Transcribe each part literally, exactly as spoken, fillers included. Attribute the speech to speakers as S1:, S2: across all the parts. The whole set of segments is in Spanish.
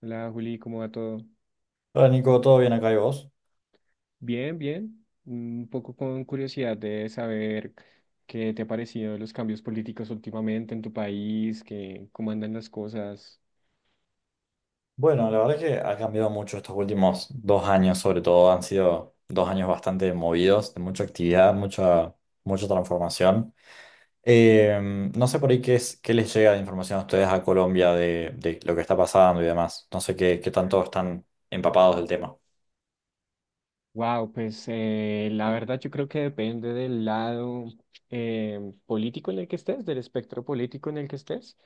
S1: Hola Juli, ¿cómo va todo?
S2: Hola Nico, ¿todo bien acá y vos?
S1: Bien, bien. Un poco con curiosidad de saber qué te ha parecido los cambios políticos últimamente en tu país, que, cómo andan las cosas.
S2: Bueno, la verdad es que ha cambiado mucho estos últimos dos años, sobre todo. Han sido dos años bastante movidos, de mucha actividad, mucha, mucha transformación. Eh, no sé por ahí qué es, qué les llega de información a ustedes a Colombia de, de lo que está pasando y demás. No sé qué, qué tanto están empapados del tema.
S1: Wow, pues eh, la verdad yo creo que depende del lado eh, político en el que estés, del espectro político en el que estés.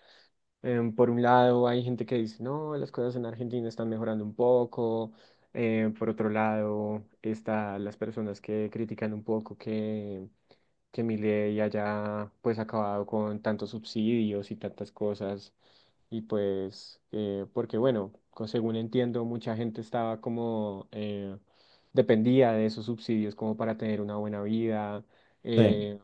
S1: Em, por un lado, hay gente que dice, no, las cosas en Argentina están mejorando un poco. Eh, por otro lado, están las personas que critican un poco que que Milei haya pues acabado con tantos subsidios y tantas cosas y pues eh, porque bueno, co- según entiendo mucha gente estaba como eh, dependía de esos subsidios como para tener una buena vida.
S2: Sí.
S1: eh,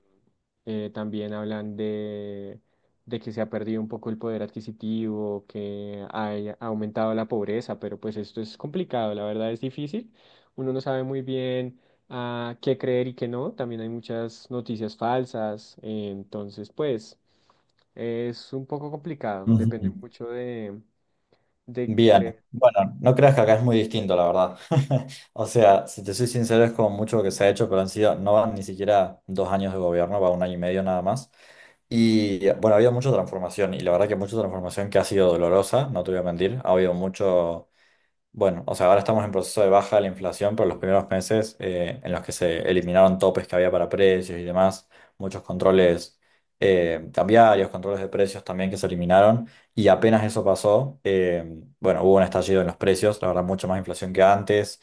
S1: eh, también hablan de, de que se ha perdido un poco el poder adquisitivo, que hay- ha aumentado la pobreza, pero pues esto es complicado, la verdad es difícil. Uno no sabe muy bien a qué creer y qué no. También hay muchas noticias falsas. Eh, entonces, pues, es un poco complicado. Depende
S2: Ujú.
S1: mucho de, de,
S2: Bien.
S1: de-
S2: Bueno, no creas que acá es muy distinto, la verdad. O sea, si te soy sincero, es como mucho lo que se ha hecho, pero han sido, no van ni siquiera dos años de gobierno, va un año y medio nada más. Y bueno, ha habido mucha transformación y la verdad que mucha transformación que ha sido dolorosa, no te voy a mentir. Ha habido mucho, bueno, o sea, ahora estamos en proceso de baja de la inflación, pero los primeros meses eh, en los que se eliminaron topes que había para precios y demás, muchos controles eh, cambiarios, controles de precios también que se eliminaron y apenas eso pasó, eh, bueno, hubo un estallido en los precios, la verdad, mucha más inflación que antes.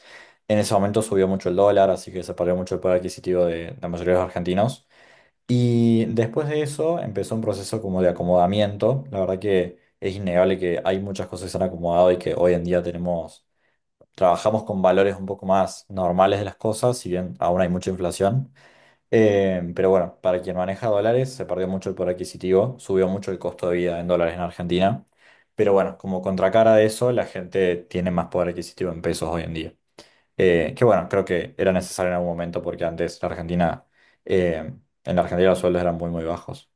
S2: En ese momento subió mucho el dólar, así que se perdió mucho el poder adquisitivo de la mayoría de los argentinos. Y después de eso empezó un proceso como de acomodamiento. La verdad que es innegable que hay muchas cosas que se han acomodado y que hoy en día tenemos, trabajamos con valores un poco más normales de las cosas, si bien aún hay mucha inflación. Eh, pero bueno, para quien maneja dólares se perdió mucho el poder adquisitivo, subió mucho el costo de vida en dólares en Argentina. Pero bueno, como contracara de eso, la gente tiene más poder adquisitivo en pesos hoy en día. Eh, que bueno, creo que era necesario en algún momento porque antes la Argentina, eh, en la Argentina los sueldos eran muy, muy bajos.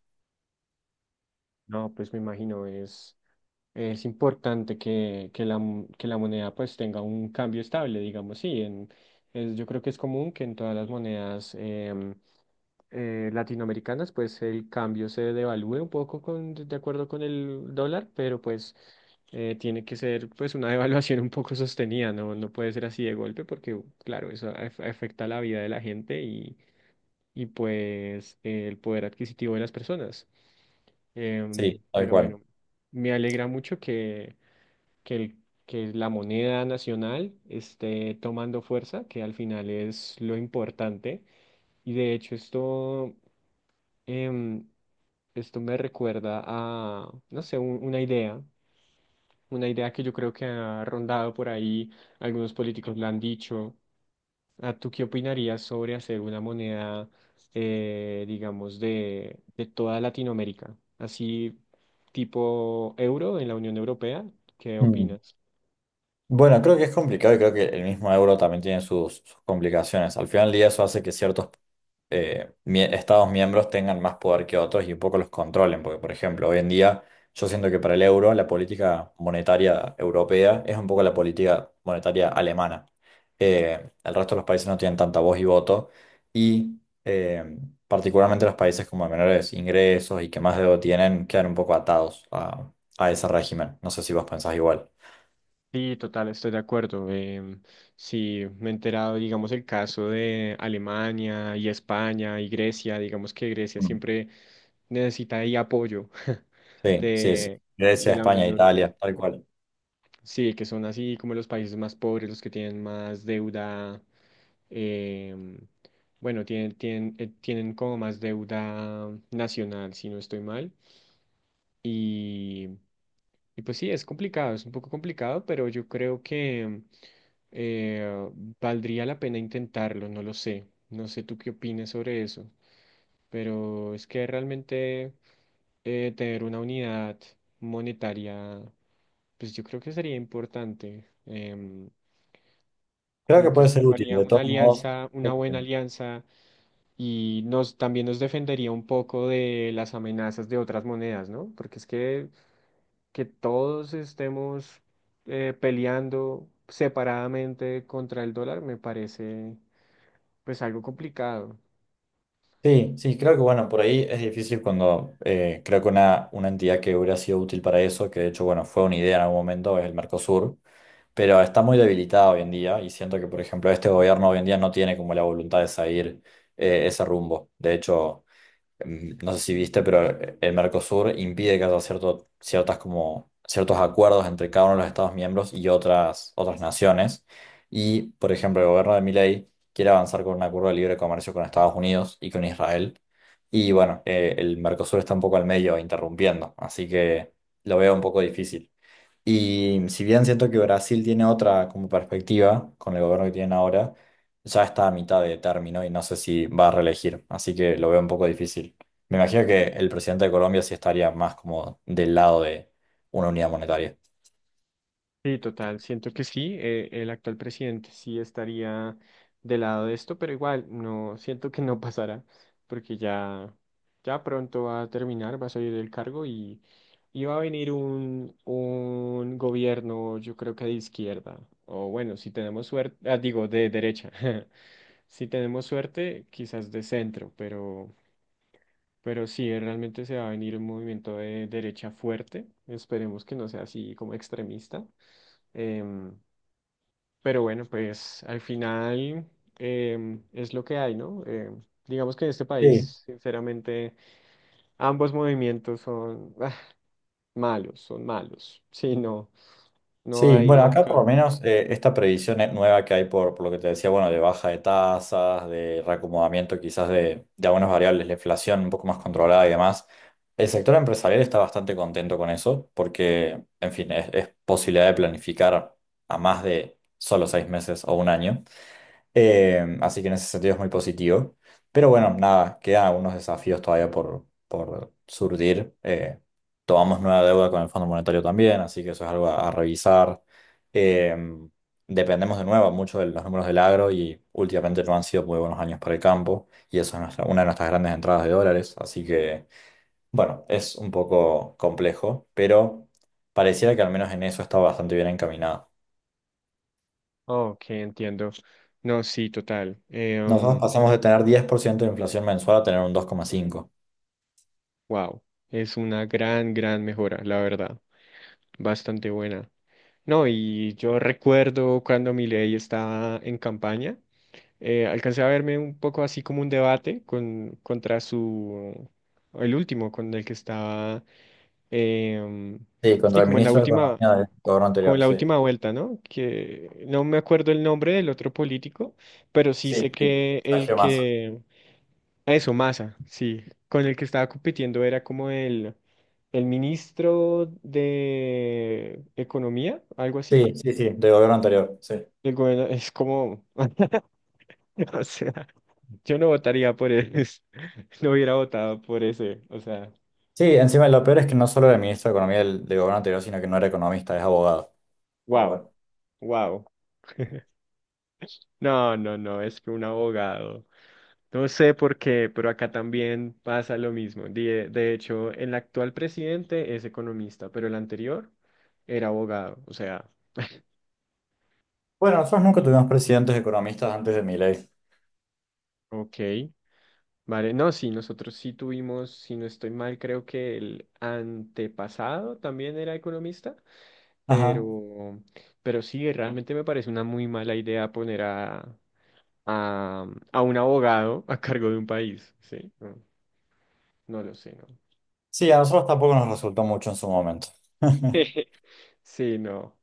S1: No, pues me imagino, es, es importante que, que la, mo- que la moneda pues tenga un cambio estable, digamos, sí. En, es- yo creo que es común que en todas las monedas em, eh, latinoamericanas, pues el cambio se devalúe un poco con, de acuerdo con el dólar, pero pues eh, tiene que ser pues una devaluación un poco sostenida, no, no puede ser así de golpe porque claro, eso af- afecta la vida de la gente y, y pues eh, el poder adquisitivo de las personas. Em,
S2: Sí, tal
S1: pero
S2: cual.
S1: bueno, me alegra mucho que, que, el- que la moneda nacional esté tomando fuerza, que al final es lo importante. Y de hecho esto em, esto me recuerda a, no sé, un- una idea, una idea que yo creo que ha rondado por ahí, algunos políticos la han dicho. ¿A tú qué opinarías sobre hacer una moneda, eh, digamos, de, de toda Latinoamérica? Así tipo euro en la Unión Europea, ¿qué
S2: Mm.
S1: opinas?
S2: Bueno, creo que es complicado y creo que el mismo euro también tiene sus, sus complicaciones. Al final del día eso hace que ciertos eh, mie- estados miembros tengan más poder que otros y un poco los controlen, porque por ejemplo, hoy en día yo siento que para el euro la política monetaria europea es un poco la política monetaria alemana. Eh, el resto de los países no tienen tanta voz y voto y eh, particularmente los países como de menores ingresos y que más deuda tienen quedan un poco atados a, a ese régimen. No sé si vos pensás igual.
S1: Sí, total, estoy de acuerdo. Em, sí, me he enterado, digamos, el caso de Alemania y España y Grecia, digamos que Grecia siempre necesita ahí apoyo
S2: Sí, sí, sí.
S1: de, de
S2: Grecia,
S1: la Unión
S2: España,
S1: Europea.
S2: Italia, tal cual.
S1: Sí, que son así como los países más pobres, los que tienen más deuda, em, bueno, tienen, tienen, eh, tienen como más deuda nacional, si no estoy mal. Y, y pues sí, es complicado, es un poco complicado, pero yo creo que eh, valdría la pena intentarlo, no lo sé. No sé tú qué opinas sobre eso, pero es que realmente eh, tener una unidad monetaria, pues yo creo que sería importante. Em,
S2: Creo que
S1: como que
S2: puede ser útil,
S1: formaría
S2: de
S1: una
S2: todos modos.
S1: alianza, una
S2: creo
S1: buena
S2: que-
S1: alianza y nos también nos defendería un poco de las amenazas de otras monedas, ¿no? Porque es que que todos estemos eh, peleando separadamente contra el dólar me parece pues algo complicado.
S2: Sí, sí, creo que bueno, por ahí es difícil cuando eh, creo que una, una entidad que hubiera sido útil para eso, que de hecho, bueno, fue una idea en algún momento, es el Mercosur, pero está muy debilitada hoy en día y siento que, por ejemplo, este gobierno hoy en día no tiene como la voluntad de seguir eh, ese rumbo. De hecho, mm, no sé si viste, pero el Mercosur impide que haya cierto, ciertas como, ciertos acuerdos entre cada uno de los Estados miembros y otras, otras naciones. Y, por ejemplo, el gobierno de Milei quiere avanzar con un acuerdo de libre comercio con Estados Unidos y con Israel. Y bueno, eh, el Mercosur está un poco al medio, interrumpiendo, así que lo veo un poco difícil. Y si bien siento que Brasil tiene otra como perspectiva con el gobierno que tienen ahora, ya está a mitad de término y no sé si va a reelegir, así que lo veo un poco difícil. Me imagino que el presidente de Colombia sí estaría más como del lado de una unidad monetaria.
S1: Sí, total, siento que sí, eh, el actual presidente sí estaría del lado de esto, pero igual no siento que no pasará porque ya ya pronto va a terminar, va a salir del cargo y y va a venir un, un gobierno, yo creo que de izquierda, o bueno, si tenemos suerte, ah, digo, de derecha. Si tenemos suerte, quizás de centro, pero, pero sí, eh, realmente se va a venir un movimiento de derecha fuerte. Esperemos que no sea así como extremista. Em, pero bueno, pues al final em, es lo que hay, ¿no? Em, digamos que en este
S2: Sí,
S1: país, sinceramente, ambos movimientos son ah, malos, son malos. Sí, no, no
S2: sí,
S1: hay
S2: bueno,
S1: un
S2: acá por lo
S1: cambio.
S2: menos eh, esta previsión eh, nueva que hay por, por lo que te decía, bueno, de baja de tasas, de reacomodamiento quizás de, de algunas variables, la inflación un poco más controlada y demás, el sector empresarial está bastante contento con eso porque, en fin, es, es posibilidad de planificar a más de solo seis meses o un año. Eh, así que en ese sentido es muy positivo. Pero bueno, nada, quedan algunos desafíos todavía por, por surgir. Eh, tomamos nueva deuda con el Fondo Monetario también, así que eso es algo a, a revisar. Eh, dependemos de nuevo mucho de los números del agro y últimamente no han sido muy buenos años para el campo y eso es nuestra- una de nuestras grandes entradas de dólares. Así que bueno, es un poco complejo, pero pareciera que al menos en eso está bastante bien encaminado.
S1: Ok, entiendo. No, sí, total.
S2: Nosotros
S1: Em,
S2: pasamos de tener diez por ciento de inflación mensual a tener un dos coma cinco.
S1: Wow, es una gran, gran mejora, la verdad. Bastante buena. No, y yo recuerdo cuando mi ley estaba en campaña, eh, alcancé a verme un poco así como un debate con, contra su, el último, con el que estaba, em,
S2: Sí,
S1: sí,
S2: contra el
S1: como en la
S2: ministro de
S1: última,
S2: Economía del gobierno
S1: como en
S2: anterior,
S1: la
S2: sí.
S1: última vuelta, ¿no? Que no me acuerdo el nombre del otro político, pero sí
S2: Sí,
S1: sé
S2: sí,
S1: que el
S2: Sergio Massa.
S1: que eso, Massa, sí. Con el que estaba compitiendo era como el, el ministro de Economía, algo así.
S2: Sí, sí, sí, del gobierno anterior, sí.
S1: El gobierno es como, o sea, yo no votaría por él, no hubiera votado por ese, o sea,
S2: Sí, encima lo peor es que no solo era el ministro de Economía del, del gobierno anterior, sino que no era economista, es abogado. Pero
S1: wow,
S2: bueno.
S1: wow. No, no, no, es que un abogado. No sé por qué, pero acá también pasa lo mismo. De, de hecho, el actual presidente es economista, pero el anterior era abogado. O sea,
S2: Bueno, nosotros nunca tuvimos presidentes economistas antes de Milei.
S1: ok. Vale, no, sí, nosotros sí tuvimos, si no estoy mal, creo que el antepasado también era economista,
S2: Ajá.
S1: pero, pero sí, realmente me parece una muy mala idea poner a, a, um, a un abogado a cargo de un país, ¿sí? No, no lo sé, ¿no?
S2: Sí, a nosotros tampoco nos resultó mucho en su momento.
S1: Sí, no,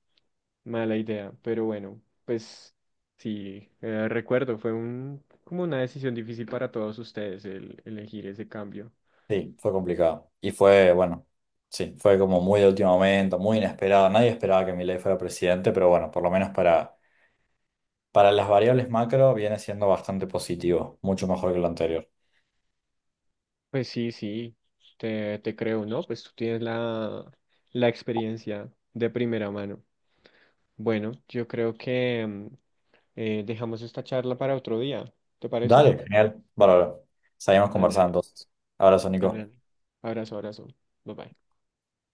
S1: mala idea, pero bueno, pues sí, eh, recuerdo, fue un, como una decisión difícil para todos ustedes el elegir ese cambio.
S2: Sí, fue complicado. Y fue, bueno, sí, fue como muy de último momento, muy inesperado. Nadie esperaba que Milei fuera presidente, pero bueno, por lo menos para Para las variables macro viene siendo bastante positivo, mucho mejor que lo anterior.
S1: Pues sí, sí, te, te creo, ¿no? Pues tú tienes la, la experiencia de primera mano. Bueno, yo creo que mm, eh, dejamos esta charla para otro día, ¿te parece?
S2: Dale, genial. Bárbaro. Seguimos
S1: Dale, dale,
S2: conversando entonces. Abrazo,
S1: dale,
S2: Nico.
S1: dale. Abrazo, abrazo. Bye bye.